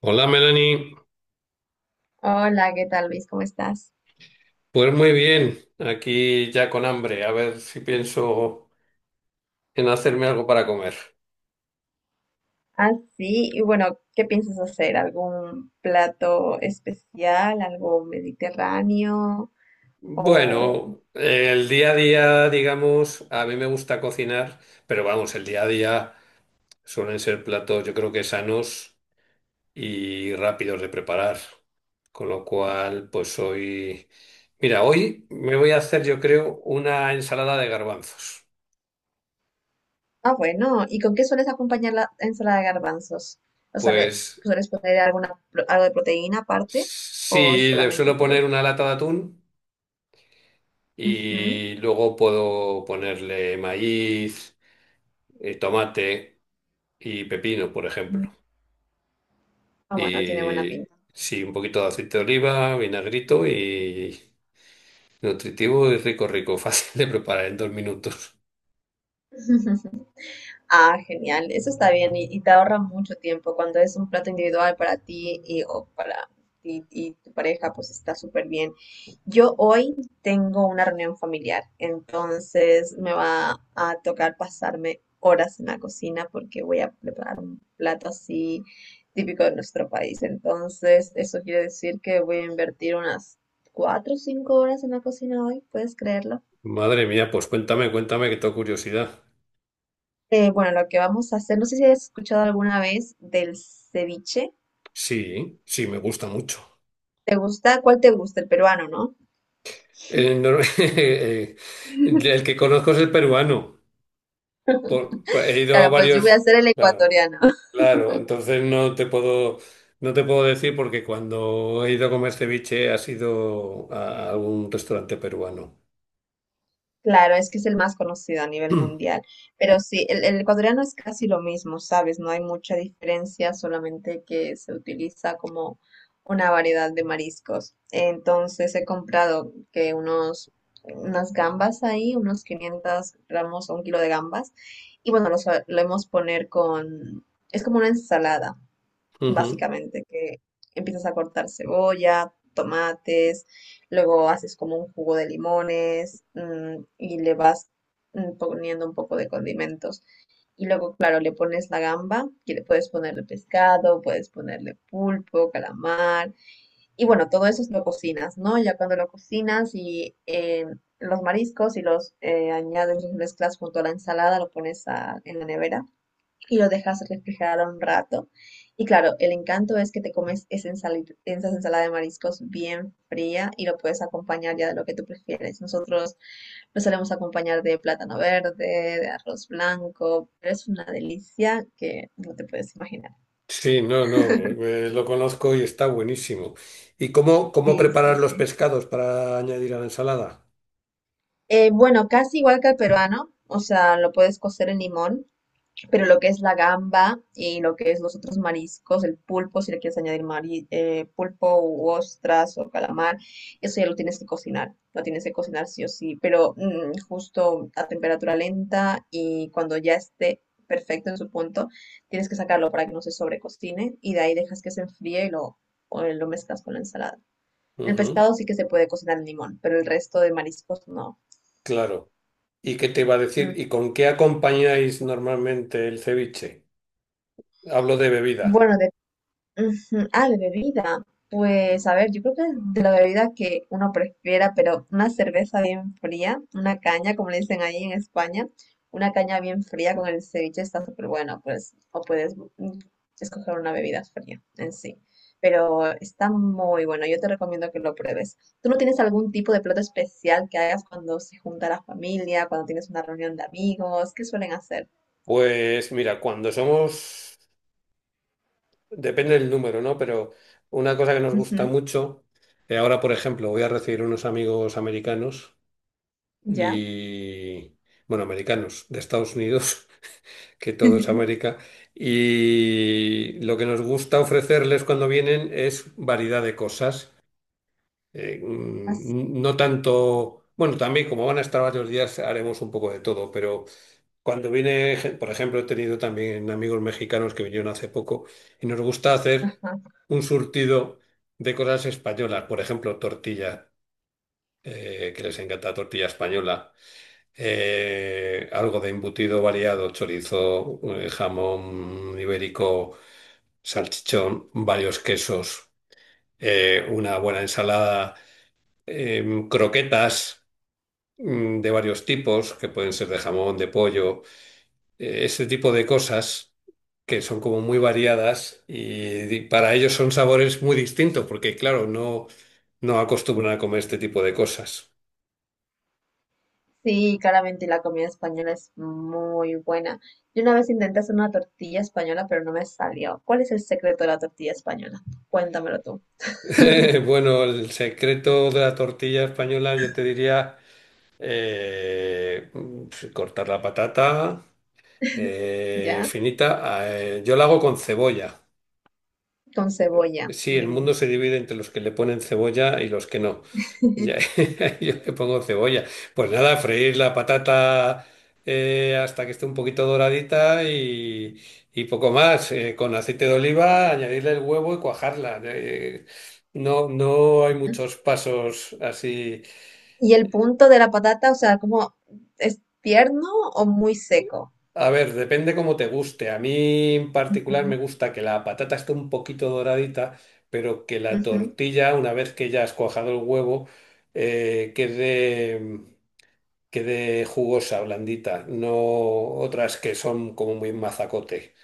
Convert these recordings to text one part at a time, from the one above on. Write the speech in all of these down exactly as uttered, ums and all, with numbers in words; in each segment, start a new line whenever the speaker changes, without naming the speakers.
Hola Melanie,
Hola, ¿qué tal, Luis? ¿Cómo estás?
pues muy bien, aquí ya con hambre, a ver si pienso en hacerme algo para comer.
Ah, sí, y bueno, ¿qué piensas hacer? ¿Algún plato especial, algo mediterráneo? O...
Bueno, el día a día, digamos, a mí me gusta cocinar, pero vamos, el día a día suelen ser platos yo creo que sanos y rápidos de preparar, con lo cual pues hoy, mira, hoy me voy a hacer yo creo una ensalada de garbanzos.
Ah, bueno, ¿y con qué sueles acompañar la ensalada de garbanzos? ¿O sea, le-
Pues
sueles poner alguna, pro- algo de proteína aparte o
sí, le
solamente
suelo
ensalada?
poner una lata de atún.
Ujú.
Y luego puedo ponerle maíz, eh, tomate y pepino, por ejemplo.
Ah, bueno, tiene buena
Y
pinta.
sí, un poquito de aceite de oliva, vinagrito y nutritivo y rico, rico, fácil de preparar en dos minutos.
Ah, genial, eso está bien y, y te ahorra mucho tiempo cuando es un plato individual para ti y, o para ti y tu pareja, pues está súper bien. Yo hoy tengo una reunión familiar, entonces me va a tocar pasarme horas en la cocina porque voy a preparar un plato así típico de nuestro país. Entonces, eso quiere decir que voy a invertir unas cuatro o cinco horas en la cocina hoy, ¿puedes creerlo?
Madre mía, pues cuéntame, cuéntame que tengo curiosidad.
Eh, bueno, lo que vamos a hacer, no sé si has escuchado alguna vez del ceviche.
Sí, sí, me gusta mucho.
¿Te gusta? ¿Cuál te gusta? El peruano, ¿no?
El, nor- eh, el que conozco es el peruano. Por- por- he ido a
Claro, pues yo voy a
varios,
hacer el
claro.
ecuatoriano.
Claro, entonces no te puedo, no te puedo decir porque cuando he ido a comer ceviche ha sido a a algún restaurante peruano.
Claro, es que es el más conocido a nivel mundial, pero sí, el, el ecuatoriano es casi lo mismo, ¿sabes? No hay mucha diferencia, solamente que se utiliza como una variedad de mariscos. Entonces he comprado que unos, unas gambas ahí, unos quinientos gramos o un kilo de gambas, y bueno, lo solemos poner con, es como una ensalada,
Ujú.
básicamente, que empiezas a cortar cebolla, tomates, luego haces como un jugo de limones, mm, y le vas mm, poniendo un poco de condimentos. Y luego, claro, le pones la gamba y le puedes ponerle pescado, puedes ponerle pulpo, calamar. Y bueno, todo eso lo cocinas, ¿no? Ya cuando lo cocinas y eh, los mariscos y los eh, añades, los mezclas junto a la ensalada, lo pones a- en la nevera y lo dejas refrigerar un rato. Y claro, el encanto es que te comes esa ensali- esa ensalada de mariscos bien fría y lo puedes acompañar ya de lo que tú prefieres. Nosotros lo solemos acompañar de plátano verde, de arroz blanco, pero es una delicia que no te puedes imaginar.
Sí, no, no, eh, lo conozco y está buenísimo. ¿Y cómo, cómo
Sí, sí,
preparar los
sí.
pescados para añadir a la ensalada?
Eh, bueno, casi igual que el peruano, o sea, lo puedes cocer en limón pero lo que es la gamba y lo que es los otros mariscos, el pulpo, si le quieres añadir mari- eh, pulpo u ostras o calamar, eso ya lo tienes que cocinar, lo tienes que cocinar sí o sí, pero mm, justo a temperatura lenta y cuando ya esté perfecto en su punto, tienes que sacarlo para que no se sobrecocine y de ahí dejas que se enfríe y lo, o lo mezclas con la ensalada. El
Ujú,
pescado sí que se puede cocinar en limón, pero el resto de mariscos no.
claro. ¿Y qué te iba a decir?
Mm.
¿Y con qué acompañáis normalmente el ceviche? Hablo de bebida.
Bueno, ujú. Ah, de bebida. Pues a ver, yo creo que de la bebida que uno prefiera, pero una cerveza bien fría, una caña, como le dicen ahí en España, una caña bien fría con el ceviche está súper bueno, pues, o puedes mm, escoger una bebida fría en sí. Pero está muy bueno, yo te recomiendo que lo pruebes. ¿Tú no tienes algún tipo de plato especial que hagas cuando se junta la familia, cuando tienes una reunión de amigos? ¿Qué suelen hacer?
Pues mira, cuando somos, depende del número, ¿no? Pero una cosa que nos gusta
Ujú.
mucho, eh, ahora por ejemplo voy a recibir unos amigos americanos
¿Ya?
y, bueno, americanos de Estados Unidos, que todo es América, y lo que nos gusta ofrecerles cuando vienen es variedad de cosas. Eh,
Así,
mm, no tanto, bueno, también como van a estar varios días haremos un poco de todo, pero cuando viene, gen- por ejemplo, he tenido también amigos mexicanos que vinieron hace poco y nos gusta hacer
ajá.
un surtido de cosas españolas, por ejemplo, tortilla, eh, que les encanta tortilla española, eh, algo de embutido variado, chorizo, eh, jamón ibérico, salchichón, varios quesos, eh, una buena ensalada em, croquetas mm, de varios tipos, que pueden ser de jamón, de pollo, eh, ese tipo de cosas que son como muy variadas y di- para ellos son sabores muy distintos, porque claro, no, no acostumbran a comer este tipo de cosas.
Sí, claramente la comida española es muy buena. Yo una vez intenté hacer una tortilla española, pero no me salió. ¿Cuál es el secreto de la tortilla española? Cuéntamelo tú.
Bueno, el secreto de la tortilla española yo te diría eh, mm, cortar la patata eh,
¿Ya?
finita. Eh, yo la hago con cebolla.
Con cebolla.
Sí, el
Mm.
mundo se divide entre los que le ponen cebolla y los que no. Ya- Yo le pongo cebolla. Pues nada, freír la patata eh, hasta que esté un poquito doradita y, y poco más. Eh, con aceite de oliva, añadirle el huevo y cuajarla. Eh, no, no hay muchos pasos así.
¿Y el punto de la patata, o sea, como es tierno o muy seco?
A ver, depende cómo te guste. A mí en particular me
Ujú,
gusta que la patata esté un poquito doradita, pero que la
ujú.
tortilla, una vez que ya has cuajado el huevo, eh, quede, quede jugosa, blandita, no otras que son como muy mazacote.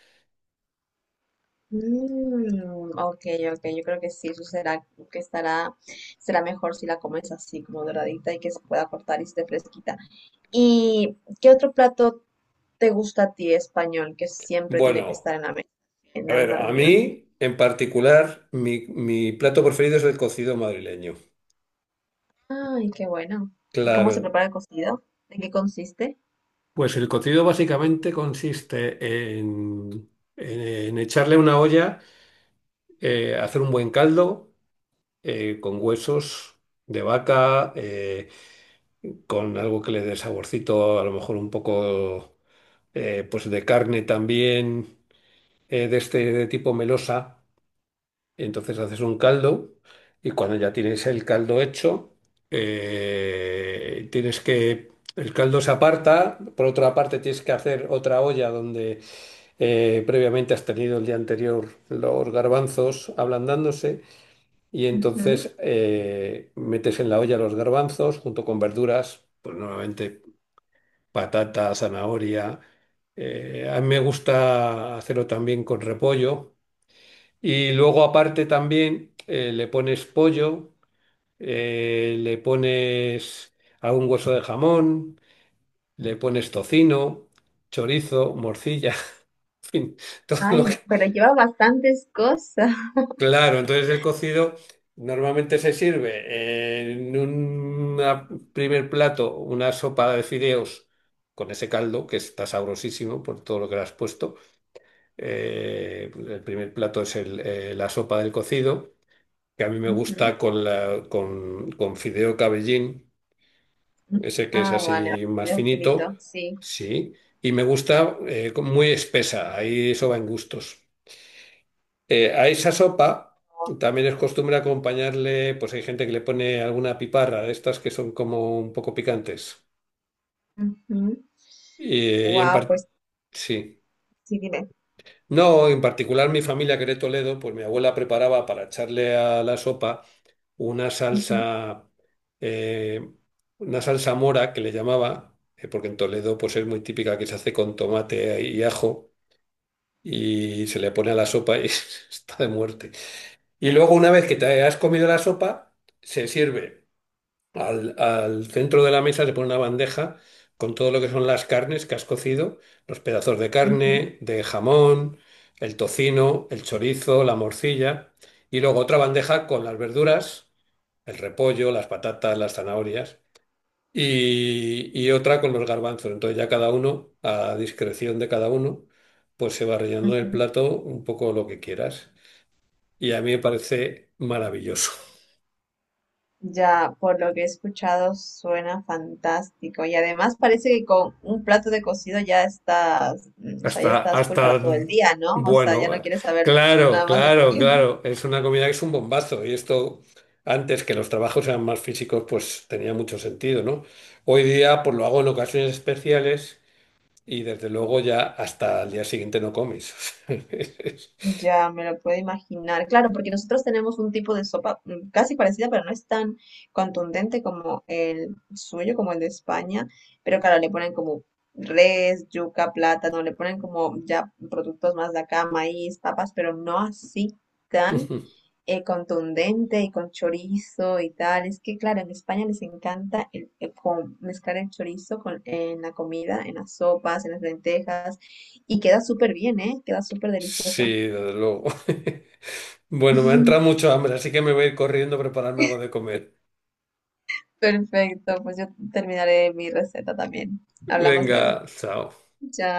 Mm, ok, ok, yo creo que sí, eso será que estará, será mejor si la comes así como doradita y que se pueda cortar y esté fresquita. ¿Y qué otro plato te gusta a ti español que siempre tiene que
Bueno,
estar en la mesa en
a ver,
una
a
reunión?
mí en particular mi, mi plato preferido es el cocido madrileño.
Ay, qué bueno. ¿Y cómo
Claro.
se prepara el cocido? ¿En qué consiste?
Pues el cocido básicamente consiste en, en en echarle una olla. Eh, hacer un buen caldo eh, con huesos de vaca, eh, con algo que le dé saborcito, a lo mejor un poco eh, pues de carne también, eh, de este de tipo melosa. Entonces haces un caldo y cuando ya tienes el caldo hecho, eh, tienes que... El caldo se aparta, por otra parte tienes que hacer otra olla donde eh, previamente has tenido el día anterior los garbanzos ablandándose. Y
Ujú.
entonces eh, metes en la olla los garbanzos junto con verduras, pues normalmente patata, zanahoria. Eh, a mí me gusta hacerlo también con repollo. Y luego aparte también eh, le pones pollo, eh, le pones algún hueso de jamón, le pones tocino, chorizo, morcilla, en fin, todo lo
Ay,
que...
pero lleva bastantes cosas.
Claro, entonces el cocido normalmente se sirve en un primer plato una sopa de fideos con ese caldo que está sabrosísimo por todo lo que le has puesto. Eh, el primer plato es el, eh, la sopa del cocido, que a mí me
Ujú.
gusta con, la, con, con fideo cabellín, ese que es
Ah, vale,
así más
cocido
finito,
finito, sí.
sí, y me gusta eh, con- muy espesa, ahí eso va en gustos. Eh, a esa sopa también es costumbre acompañarle, pues hay gente que le pone alguna piparra de estas que son como un poco picantes. Y en
Wow,
par-
pues
sí.
sí, dime.
No, en particular mi familia que era de Toledo, pues mi abuela preparaba para echarle a la sopa una
Ujú,
salsa, eh, una salsa mora que le llamaba, eh, porque en Toledo pues es muy típica que se hace con tomate y ajo y se le pone a la sopa y está de muerte. Y luego, una vez que te has comido la sopa, se sirve al, al centro de la mesa, se pone una bandeja con todo lo que son las carnes que has cocido, los pedazos de
ujú,
carne, de jamón, el tocino, el chorizo, la morcilla, y luego otra bandeja con las verduras, el repollo, las patatas, las zanahorias, y, y otra con los garbanzos. Entonces ya cada uno, a discreción de cada uno, pues se va rellenando en el
ujú.
plato un poco lo que quieras. Y a mí me parece maravilloso.
Ya, por lo que he escuchado, suena fantástico. Y además parece que con un plato de cocido ya estás, mm, o sea, ya
Hasta,
estás full para
hasta,
todo el día, ¿no? O sea, ya
bueno,
no
eh,
quieres saber
claro,
nada más de
claro,
comida.
claro. Es una comida que es un bombazo. Y esto, antes que los trabajos eran más físicos, pues tenía mucho sentido, ¿no? Hoy día, pues lo hago en ocasiones especiales y desde luego ya hasta el día siguiente no comes.
Ya me lo puedo imaginar. Claro, porque nosotros tenemos un tipo de sopa mm, casi parecida, pero no es tan contundente como el suyo, como el de España. Pero claro, le ponen como res, yuca, plátano, le ponen como ya productos más de acá, maíz, papas, pero no así tan eh, contundente y con chorizo y tal. Es que, claro, en España les encanta el, el con- mezclar el chorizo con, en la comida, en las sopas, en las lentejas, y queda súper bien, ¿eh? Queda súper
Sí,
delicioso.
desde luego. Bueno, me ha entrado mucho hambre, así que me voy a ir corriendo a prepararme algo de comer.
Perfecto, pues yo terminaré mi receta también. Hablamos luego.
Venga, chao.
Chao.